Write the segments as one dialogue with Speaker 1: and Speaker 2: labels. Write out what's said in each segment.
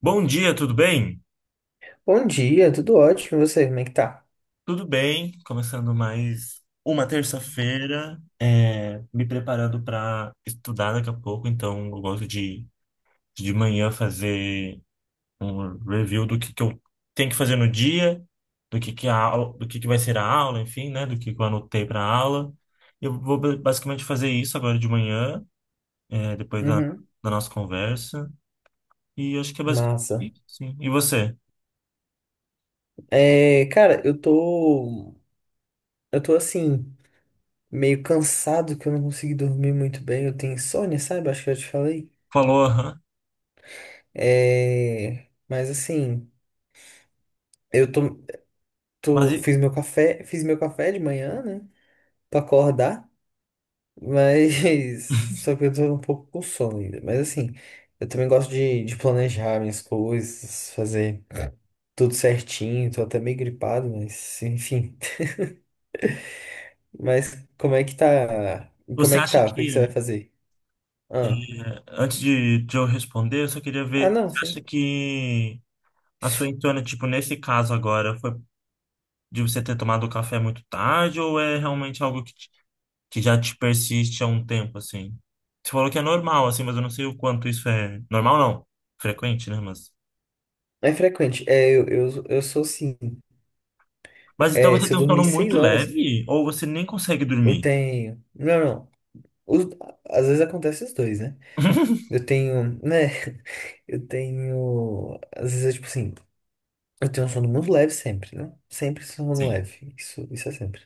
Speaker 1: Bom dia, tudo bem?
Speaker 2: Bom dia, tudo ótimo. E você, como é que tá?
Speaker 1: Tudo bem, começando mais uma terça-feira, me preparando para estudar daqui a pouco, então eu gosto de manhã fazer um review do que eu tenho que fazer no dia, do que vai ser a aula, enfim, né? Do que eu anotei para a aula. Eu vou basicamente fazer isso agora de manhã, depois da,
Speaker 2: Uhum.
Speaker 1: da nossa conversa, e acho que é basicamente
Speaker 2: Massa.
Speaker 1: isso, sim. E você?
Speaker 2: É, cara, eu tô assim, meio cansado que eu não consegui dormir muito bem. Eu tenho insônia, sabe? Acho que eu já te falei.
Speaker 1: Falou, aham.
Speaker 2: É, mas assim, eu tô,
Speaker 1: Mas
Speaker 2: tô. Fiz meu café de manhã, né? Pra acordar. Só que eu tô um pouco com sono ainda. Mas assim, eu também gosto de planejar minhas coisas, fazer tudo certinho. Tô até meio gripado, mas enfim. Mas como é que tá? Como
Speaker 1: você
Speaker 2: é que
Speaker 1: acha
Speaker 2: tá? O que que você vai
Speaker 1: que
Speaker 2: fazer?
Speaker 1: É,
Speaker 2: Ah.
Speaker 1: antes de eu responder, eu só queria
Speaker 2: Ah,
Speaker 1: ver,
Speaker 2: não,
Speaker 1: você acha
Speaker 2: sei.
Speaker 1: que a sua entona, tipo, nesse caso agora, foi de você ter tomado o café muito tarde ou é realmente algo que, que já te persiste há um tempo, assim? Você falou que é normal, assim, mas eu não sei o quanto isso é... Normal não, frequente, né? Mas,
Speaker 2: É frequente. É, eu sou sim.
Speaker 1: mas então
Speaker 2: É,
Speaker 1: você
Speaker 2: se eu
Speaker 1: tem um
Speaker 2: dormir
Speaker 1: sono muito
Speaker 2: 6 horas,
Speaker 1: leve ou você nem consegue
Speaker 2: eu
Speaker 1: dormir?
Speaker 2: tenho. Não, não. Os- Às vezes acontece os dois, né? Eu tenho, né? Eu tenho. Às vezes, é tipo assim, eu tenho um sono muito leve sempre, né? Sempre sono
Speaker 1: Sim.
Speaker 2: leve. Isso é sempre.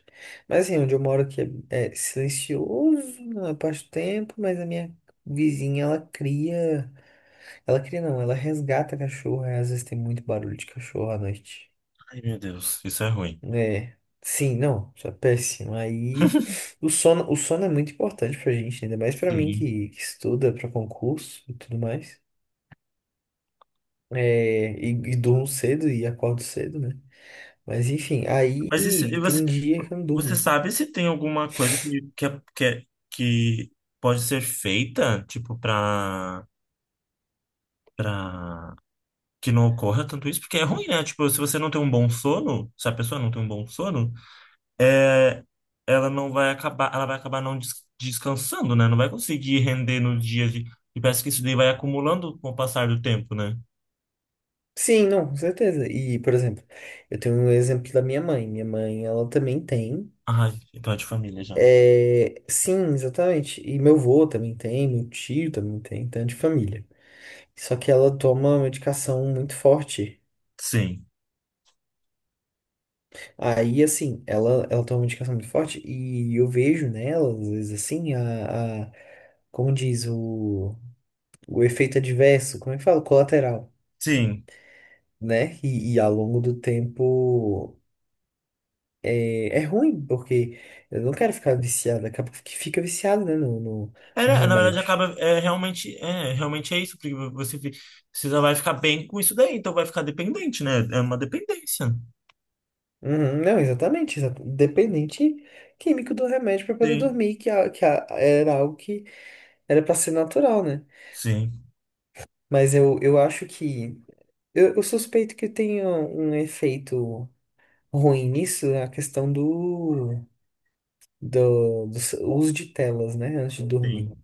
Speaker 2: Mas assim, onde eu moro aqui é silencioso na parte do tempo, mas a minha vizinha, ela cria. Ela cria, não, ela resgata cachorro. Aí, às vezes tem muito barulho de cachorro à noite.
Speaker 1: Ai, meu Deus, isso é ruim.
Speaker 2: É, sim, não, isso é péssimo. Aí o sono é muito importante pra gente, ainda mais pra mim
Speaker 1: Sim.
Speaker 2: que estuda pra concurso e tudo mais. É, e durmo cedo e acordo cedo, né? Mas enfim, aí
Speaker 1: Mas isso, e você,
Speaker 2: tem dia que eu não
Speaker 1: você
Speaker 2: durmo.
Speaker 1: sabe se tem alguma coisa que pode ser feita, tipo, pra que não ocorra tanto isso? Porque é ruim, né? Tipo, se você não tem um bom sono, se a pessoa não tem um bom sono, é, ela vai acabar não descansando, né? Não vai conseguir render nos dias de, e parece que isso daí vai acumulando com o passar do tempo, né?
Speaker 2: Sim, não, com certeza. E, por exemplo, eu tenho um exemplo da minha mãe. Minha mãe, ela também tem.
Speaker 1: Ah, então é de família já.
Speaker 2: É, sim, exatamente. E meu avô também tem, meu tio também tem, tanto de família. Só que ela toma uma medicação muito forte.
Speaker 1: Sim.
Speaker 2: Aí, assim, ela tem uma indicação muito forte e eu vejo nela, às vezes, assim, como diz, o efeito adverso, como é que fala? Colateral,
Speaker 1: Sim.
Speaker 2: né? E ao longo do tempo é ruim, porque eu não quero ficar viciado, acaba que fica viciado, né, no
Speaker 1: Era, na verdade,
Speaker 2: remédio.
Speaker 1: acaba é, realmente é isso, porque você precisa vai ficar bem com isso daí, então vai ficar dependente, né? É uma dependência.
Speaker 2: Uhum, não, exatamente, dependente químico do remédio para poder
Speaker 1: Sim,
Speaker 2: dormir, era algo que era para ser natural, né?
Speaker 1: sim,
Speaker 2: Mas eu suspeito que tenha um efeito ruim nisso, é a questão uso de telas, né? Antes de dormir.
Speaker 1: sim,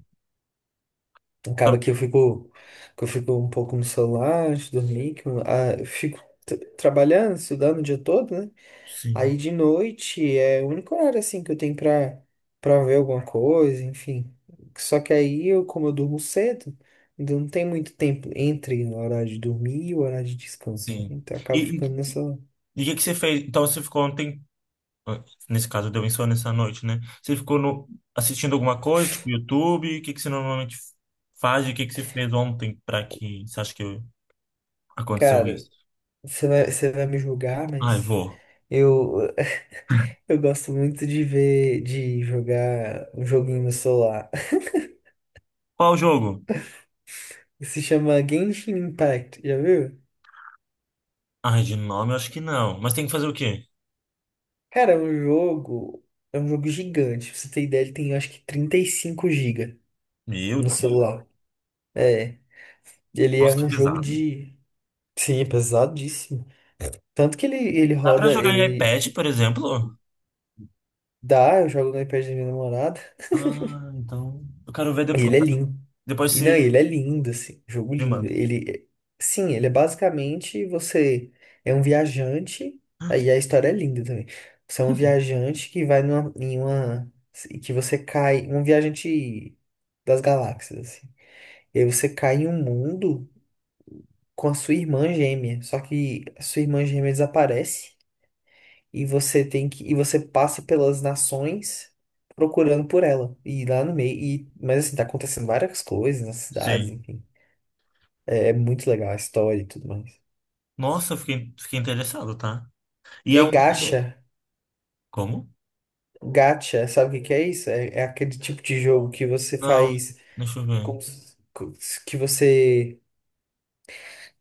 Speaker 1: Tá-
Speaker 2: Acaba que eu fico um pouco no celular antes de dormir, que eu fico trabalhando, estudando o dia todo, né?
Speaker 1: sim,
Speaker 2: Aí de noite é o único horário assim que eu tenho pra ver alguma coisa, enfim. Só que aí eu, como eu durmo cedo, ainda não tem muito tempo entre o horário de dormir e o horário de descanso,
Speaker 1: sim.
Speaker 2: né? Então eu acabo
Speaker 1: E, e,
Speaker 2: ficando nessa.
Speaker 1: e o que que você fez? Então você ficou ontem, ah, nesse caso deu insônia essa noite, né? Você ficou no, assistindo alguma coisa, tipo YouTube? O que que você normalmente faz? E o que que você fez ontem para que você acha que aconteceu
Speaker 2: Cara,
Speaker 1: isso?
Speaker 2: você vai me julgar,
Speaker 1: Ai,
Speaker 2: mas
Speaker 1: vou.
Speaker 2: eu, eu gosto muito de ver, de jogar um joguinho no celular.
Speaker 1: Qual o jogo?
Speaker 2: Se chama Genshin Impact, já viu?
Speaker 1: Ai, de nome eu acho que não. Mas tem que fazer o quê?
Speaker 2: Cara, é um jogo gigante. Pra você ter ideia, ele tem acho que 35 gigas
Speaker 1: Meu
Speaker 2: no
Speaker 1: Deus.
Speaker 2: celular. É. Ele é
Speaker 1: Nossa, que
Speaker 2: um jogo
Speaker 1: pesado.
Speaker 2: de. Sim, é pesadíssimo. Tanto que ele
Speaker 1: Dá pra
Speaker 2: roda,
Speaker 1: jogar em
Speaker 2: ele
Speaker 1: iPad, por exemplo?
Speaker 2: dá, eu jogo no iPad da minha namorada.
Speaker 1: Ah, então. Eu quero ver
Speaker 2: E
Speaker 1: depois.
Speaker 2: ele é lindo.
Speaker 1: Depois
Speaker 2: E não,
Speaker 1: se
Speaker 2: ele é lindo, assim. Jogo
Speaker 1: me
Speaker 2: lindo.
Speaker 1: manda.
Speaker 2: Ele. Sim, ele é basicamente você é um viajante. Aí a história é linda também. Você é um viajante que vai numa, em uma. E que você cai. Um viajante das galáxias, assim. E aí você cai em um mundo com a sua irmã gêmea. Só que a sua irmã gêmea desaparece e você tem que e você passa pelas nações procurando por ela. E lá no meio, mas assim, tá acontecendo várias coisas nas cidades,
Speaker 1: Sim.
Speaker 2: enfim. É muito legal a história e tudo mais.
Speaker 1: Nossa, eu fiquei interessado, tá? E
Speaker 2: E
Speaker 1: é
Speaker 2: aí
Speaker 1: um.
Speaker 2: gacha,
Speaker 1: Como?
Speaker 2: gacha, sabe o que que é isso? É aquele tipo de jogo que você
Speaker 1: Não,
Speaker 2: faz
Speaker 1: deixa eu ver.
Speaker 2: como se- que você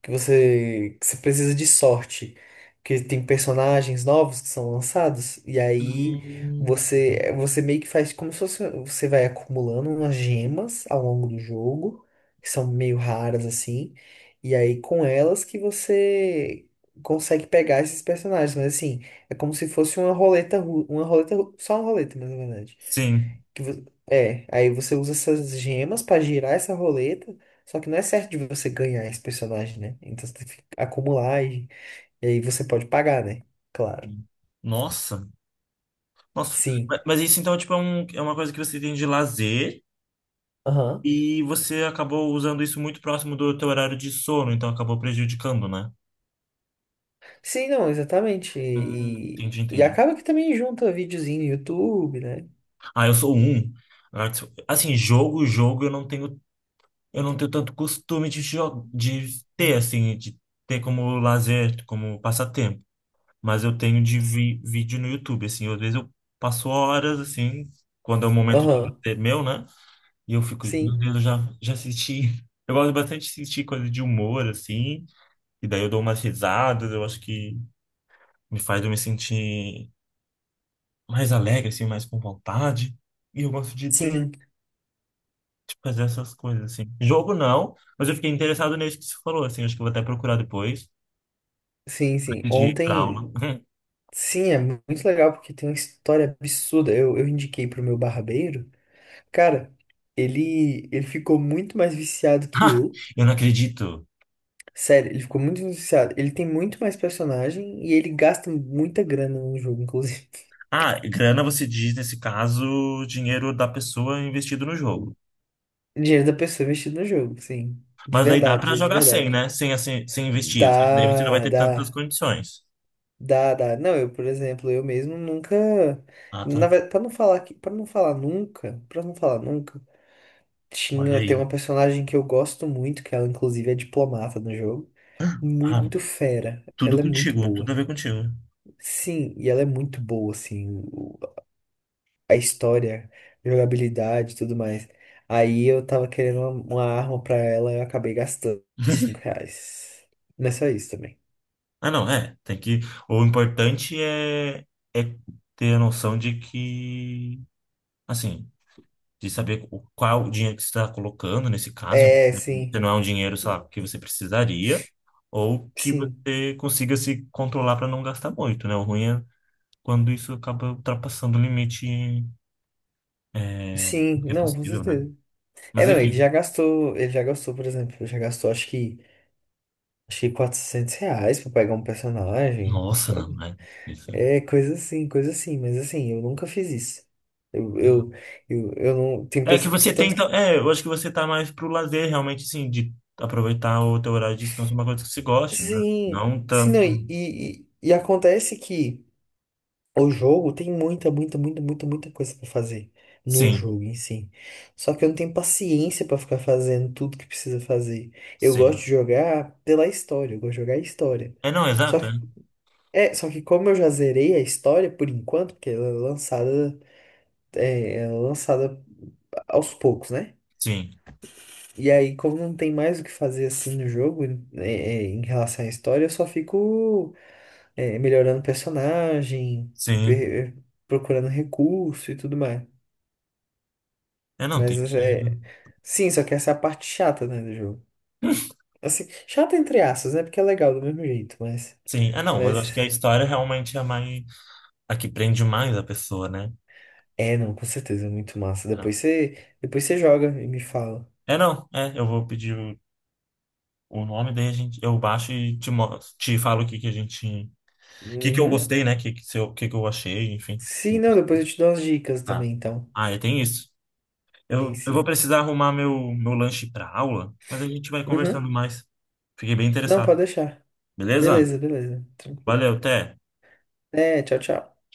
Speaker 2: que você precisa de sorte, que tem personagens novos que são lançados e aí
Speaker 1: Hum,
Speaker 2: você meio que faz como se fosse, você vai acumulando umas gemas ao longo do jogo, que são meio raras assim, e aí com elas que você consegue pegar esses personagens, mas assim, é como se fosse só uma roleta, mas na verdade.
Speaker 1: sim.
Speaker 2: Aí você usa essas gemas pra girar essa roleta, só que não é certo de você ganhar esse personagem, né? Então você tem que acumular e aí você pode pagar, né? Claro.
Speaker 1: Nossa. Nossa.
Speaker 2: Sim.
Speaker 1: Mas isso então, tipo, é uma coisa que você tem de lazer
Speaker 2: Aham.
Speaker 1: e você acabou usando isso muito próximo do teu horário de sono, então acabou prejudicando, né?
Speaker 2: Sim, não, exatamente. E,
Speaker 1: Entendi,
Speaker 2: e
Speaker 1: entendi.
Speaker 2: acaba que também junta videozinho no YouTube, né?
Speaker 1: Ah, eu sou um. Ah, tipo, assim, jogo, jogo, eu não tenho tanto costume de ter, assim, de ter como lazer, como passatempo. Mas eu tenho de vi vídeo no YouTube, assim, às vezes eu passo horas, assim, quando é o momento de
Speaker 2: Aham.
Speaker 1: lazer meu, né? E eu fico, meu
Speaker 2: Sim.
Speaker 1: Deus, eu já assisti. Eu gosto bastante de assistir coisa de humor, assim, e daí eu dou umas risadas, eu acho que me faz eu me sentir mais alegre, assim, mais com vontade. E eu gosto de ter
Speaker 2: Sim.
Speaker 1: fazer essas coisas, assim. Jogo não, mas eu fiquei interessado nisso que você falou, assim. Acho que eu vou até procurar depois,
Speaker 2: Sim, sim.
Speaker 1: antes de ir pra aula.
Speaker 2: Ontem. Sim, é muito legal porque tem uma história absurda. Eu indiquei pro meu barbeiro. Cara, ele ficou muito mais viciado que
Speaker 1: Ah,
Speaker 2: eu.
Speaker 1: eu não acredito.
Speaker 2: Sério, ele ficou muito viciado. Ele tem muito mais personagem e ele gasta muita grana no jogo, inclusive.
Speaker 1: Ah, grana você diz, nesse caso, dinheiro da pessoa investido no jogo.
Speaker 2: Dinheiro da pessoa investido no jogo, sim. De
Speaker 1: Mas aí dá
Speaker 2: verdade,
Speaker 1: pra
Speaker 2: dinheiro de
Speaker 1: jogar sem,
Speaker 2: verdade.
Speaker 1: né? Sem, assim, sem investir. Só que daí você não vai
Speaker 2: Dá,
Speaker 1: ter tantas
Speaker 2: dá,
Speaker 1: condições.
Speaker 2: dá, dá. Não, eu, por exemplo, eu mesmo nunca.
Speaker 1: Ah,
Speaker 2: Na
Speaker 1: tá.
Speaker 2: verdade, pra não falar que, para não falar nunca,
Speaker 1: Olha
Speaker 2: tinha, tem
Speaker 1: aí.
Speaker 2: uma personagem que eu gosto muito, que ela inclusive é diplomata no jogo.
Speaker 1: Ah,
Speaker 2: Muito fera.
Speaker 1: tudo
Speaker 2: Ela é muito
Speaker 1: contigo, tudo
Speaker 2: boa.
Speaker 1: a ver contigo.
Speaker 2: Sim, e ela é muito boa, assim, a história, jogabilidade e tudo mais. Aí eu tava querendo uma arma pra ela e eu acabei gastando 5 reais. Não é só isso também.
Speaker 1: Ah, não, é. Tem que. O importante é, ter a noção de que, assim, de saber qual é o dinheiro que você está colocando nesse caso, né?
Speaker 2: É,
Speaker 1: Se
Speaker 2: sim,
Speaker 1: não é um dinheiro, sei lá, que você precisaria, ou que
Speaker 2: sim,
Speaker 1: você consiga se controlar para não gastar muito, né? O ruim é quando isso acaba ultrapassando o limite
Speaker 2: sim,
Speaker 1: que é
Speaker 2: não, com
Speaker 1: possível, né?
Speaker 2: certeza. É,
Speaker 1: Mas
Speaker 2: não, ele
Speaker 1: enfim,
Speaker 2: já gastou, ele já gastou, por exemplo, já gastou acho que 400 reais pra pegar um personagem,
Speaker 1: nossa, não,
Speaker 2: sabe?
Speaker 1: né? Isso.
Speaker 2: É, coisa assim, mas assim, eu nunca fiz isso. Eu,
Speaker 1: É não.
Speaker 2: eu, eu não, tem
Speaker 1: É que
Speaker 2: pessoas,
Speaker 1: você tem,
Speaker 2: tanto que,
Speaker 1: então, eu acho que você tá mais pro lazer, realmente, assim, de aproveitar o teu horário de descanso, uma coisa que você goste, né?
Speaker 2: sim,
Speaker 1: Não
Speaker 2: sim, não,
Speaker 1: tanto.
Speaker 2: e acontece que o jogo tem muita, muita, muita, muita, muita coisa pra fazer no
Speaker 1: Sim,
Speaker 2: jogo em si. Só que eu não tenho paciência pra ficar fazendo tudo que precisa fazer. Eu gosto
Speaker 1: sim.
Speaker 2: de jogar pela história, eu gosto de jogar a história.
Speaker 1: É, não,
Speaker 2: Só
Speaker 1: exato,
Speaker 2: que,
Speaker 1: né?
Speaker 2: só que como eu já zerei a história por enquanto, porque ela é lançada aos poucos, né?
Speaker 1: Sim,
Speaker 2: E aí, como não tem mais o que fazer assim no jogo, é, em relação à história, eu só fico melhorando o personagem,
Speaker 1: sim.
Speaker 2: per- procurando recurso e tudo mais.
Speaker 1: É, não, tem que.
Speaker 2: Mas é. Sim, só que essa é a parte chata, né, do jogo. Assim, chata entre aspas, né? Porque é legal do mesmo jeito,
Speaker 1: Sim, é, não, mas eu acho que a
Speaker 2: Mas.
Speaker 1: história realmente é mais. A que prende mais a pessoa, né?
Speaker 2: É, não, com certeza, é muito massa.
Speaker 1: É, não.
Speaker 2: Depois você joga e me fala.
Speaker 1: É, não, eu vou pedir o nome, daí a gente, eu baixo e te falo o que que a gente. O que que eu
Speaker 2: Uhum.
Speaker 1: gostei, né? O que, que, se eu- o que que eu achei, enfim.
Speaker 2: Sim, não, depois eu te dou umas dicas
Speaker 1: Tá.
Speaker 2: também, então.
Speaker 1: Ah, é, tem isso.
Speaker 2: Sim,
Speaker 1: Eu vou
Speaker 2: sim.
Speaker 1: precisar arrumar meu lanche pra aula, mas a gente vai conversando
Speaker 2: Uhum.
Speaker 1: mais. Fiquei bem
Speaker 2: Não,
Speaker 1: interessado.
Speaker 2: pode deixar.
Speaker 1: Beleza?
Speaker 2: Beleza, beleza. Tranquilo.
Speaker 1: Valeu, até.
Speaker 2: É, tchau, tchau.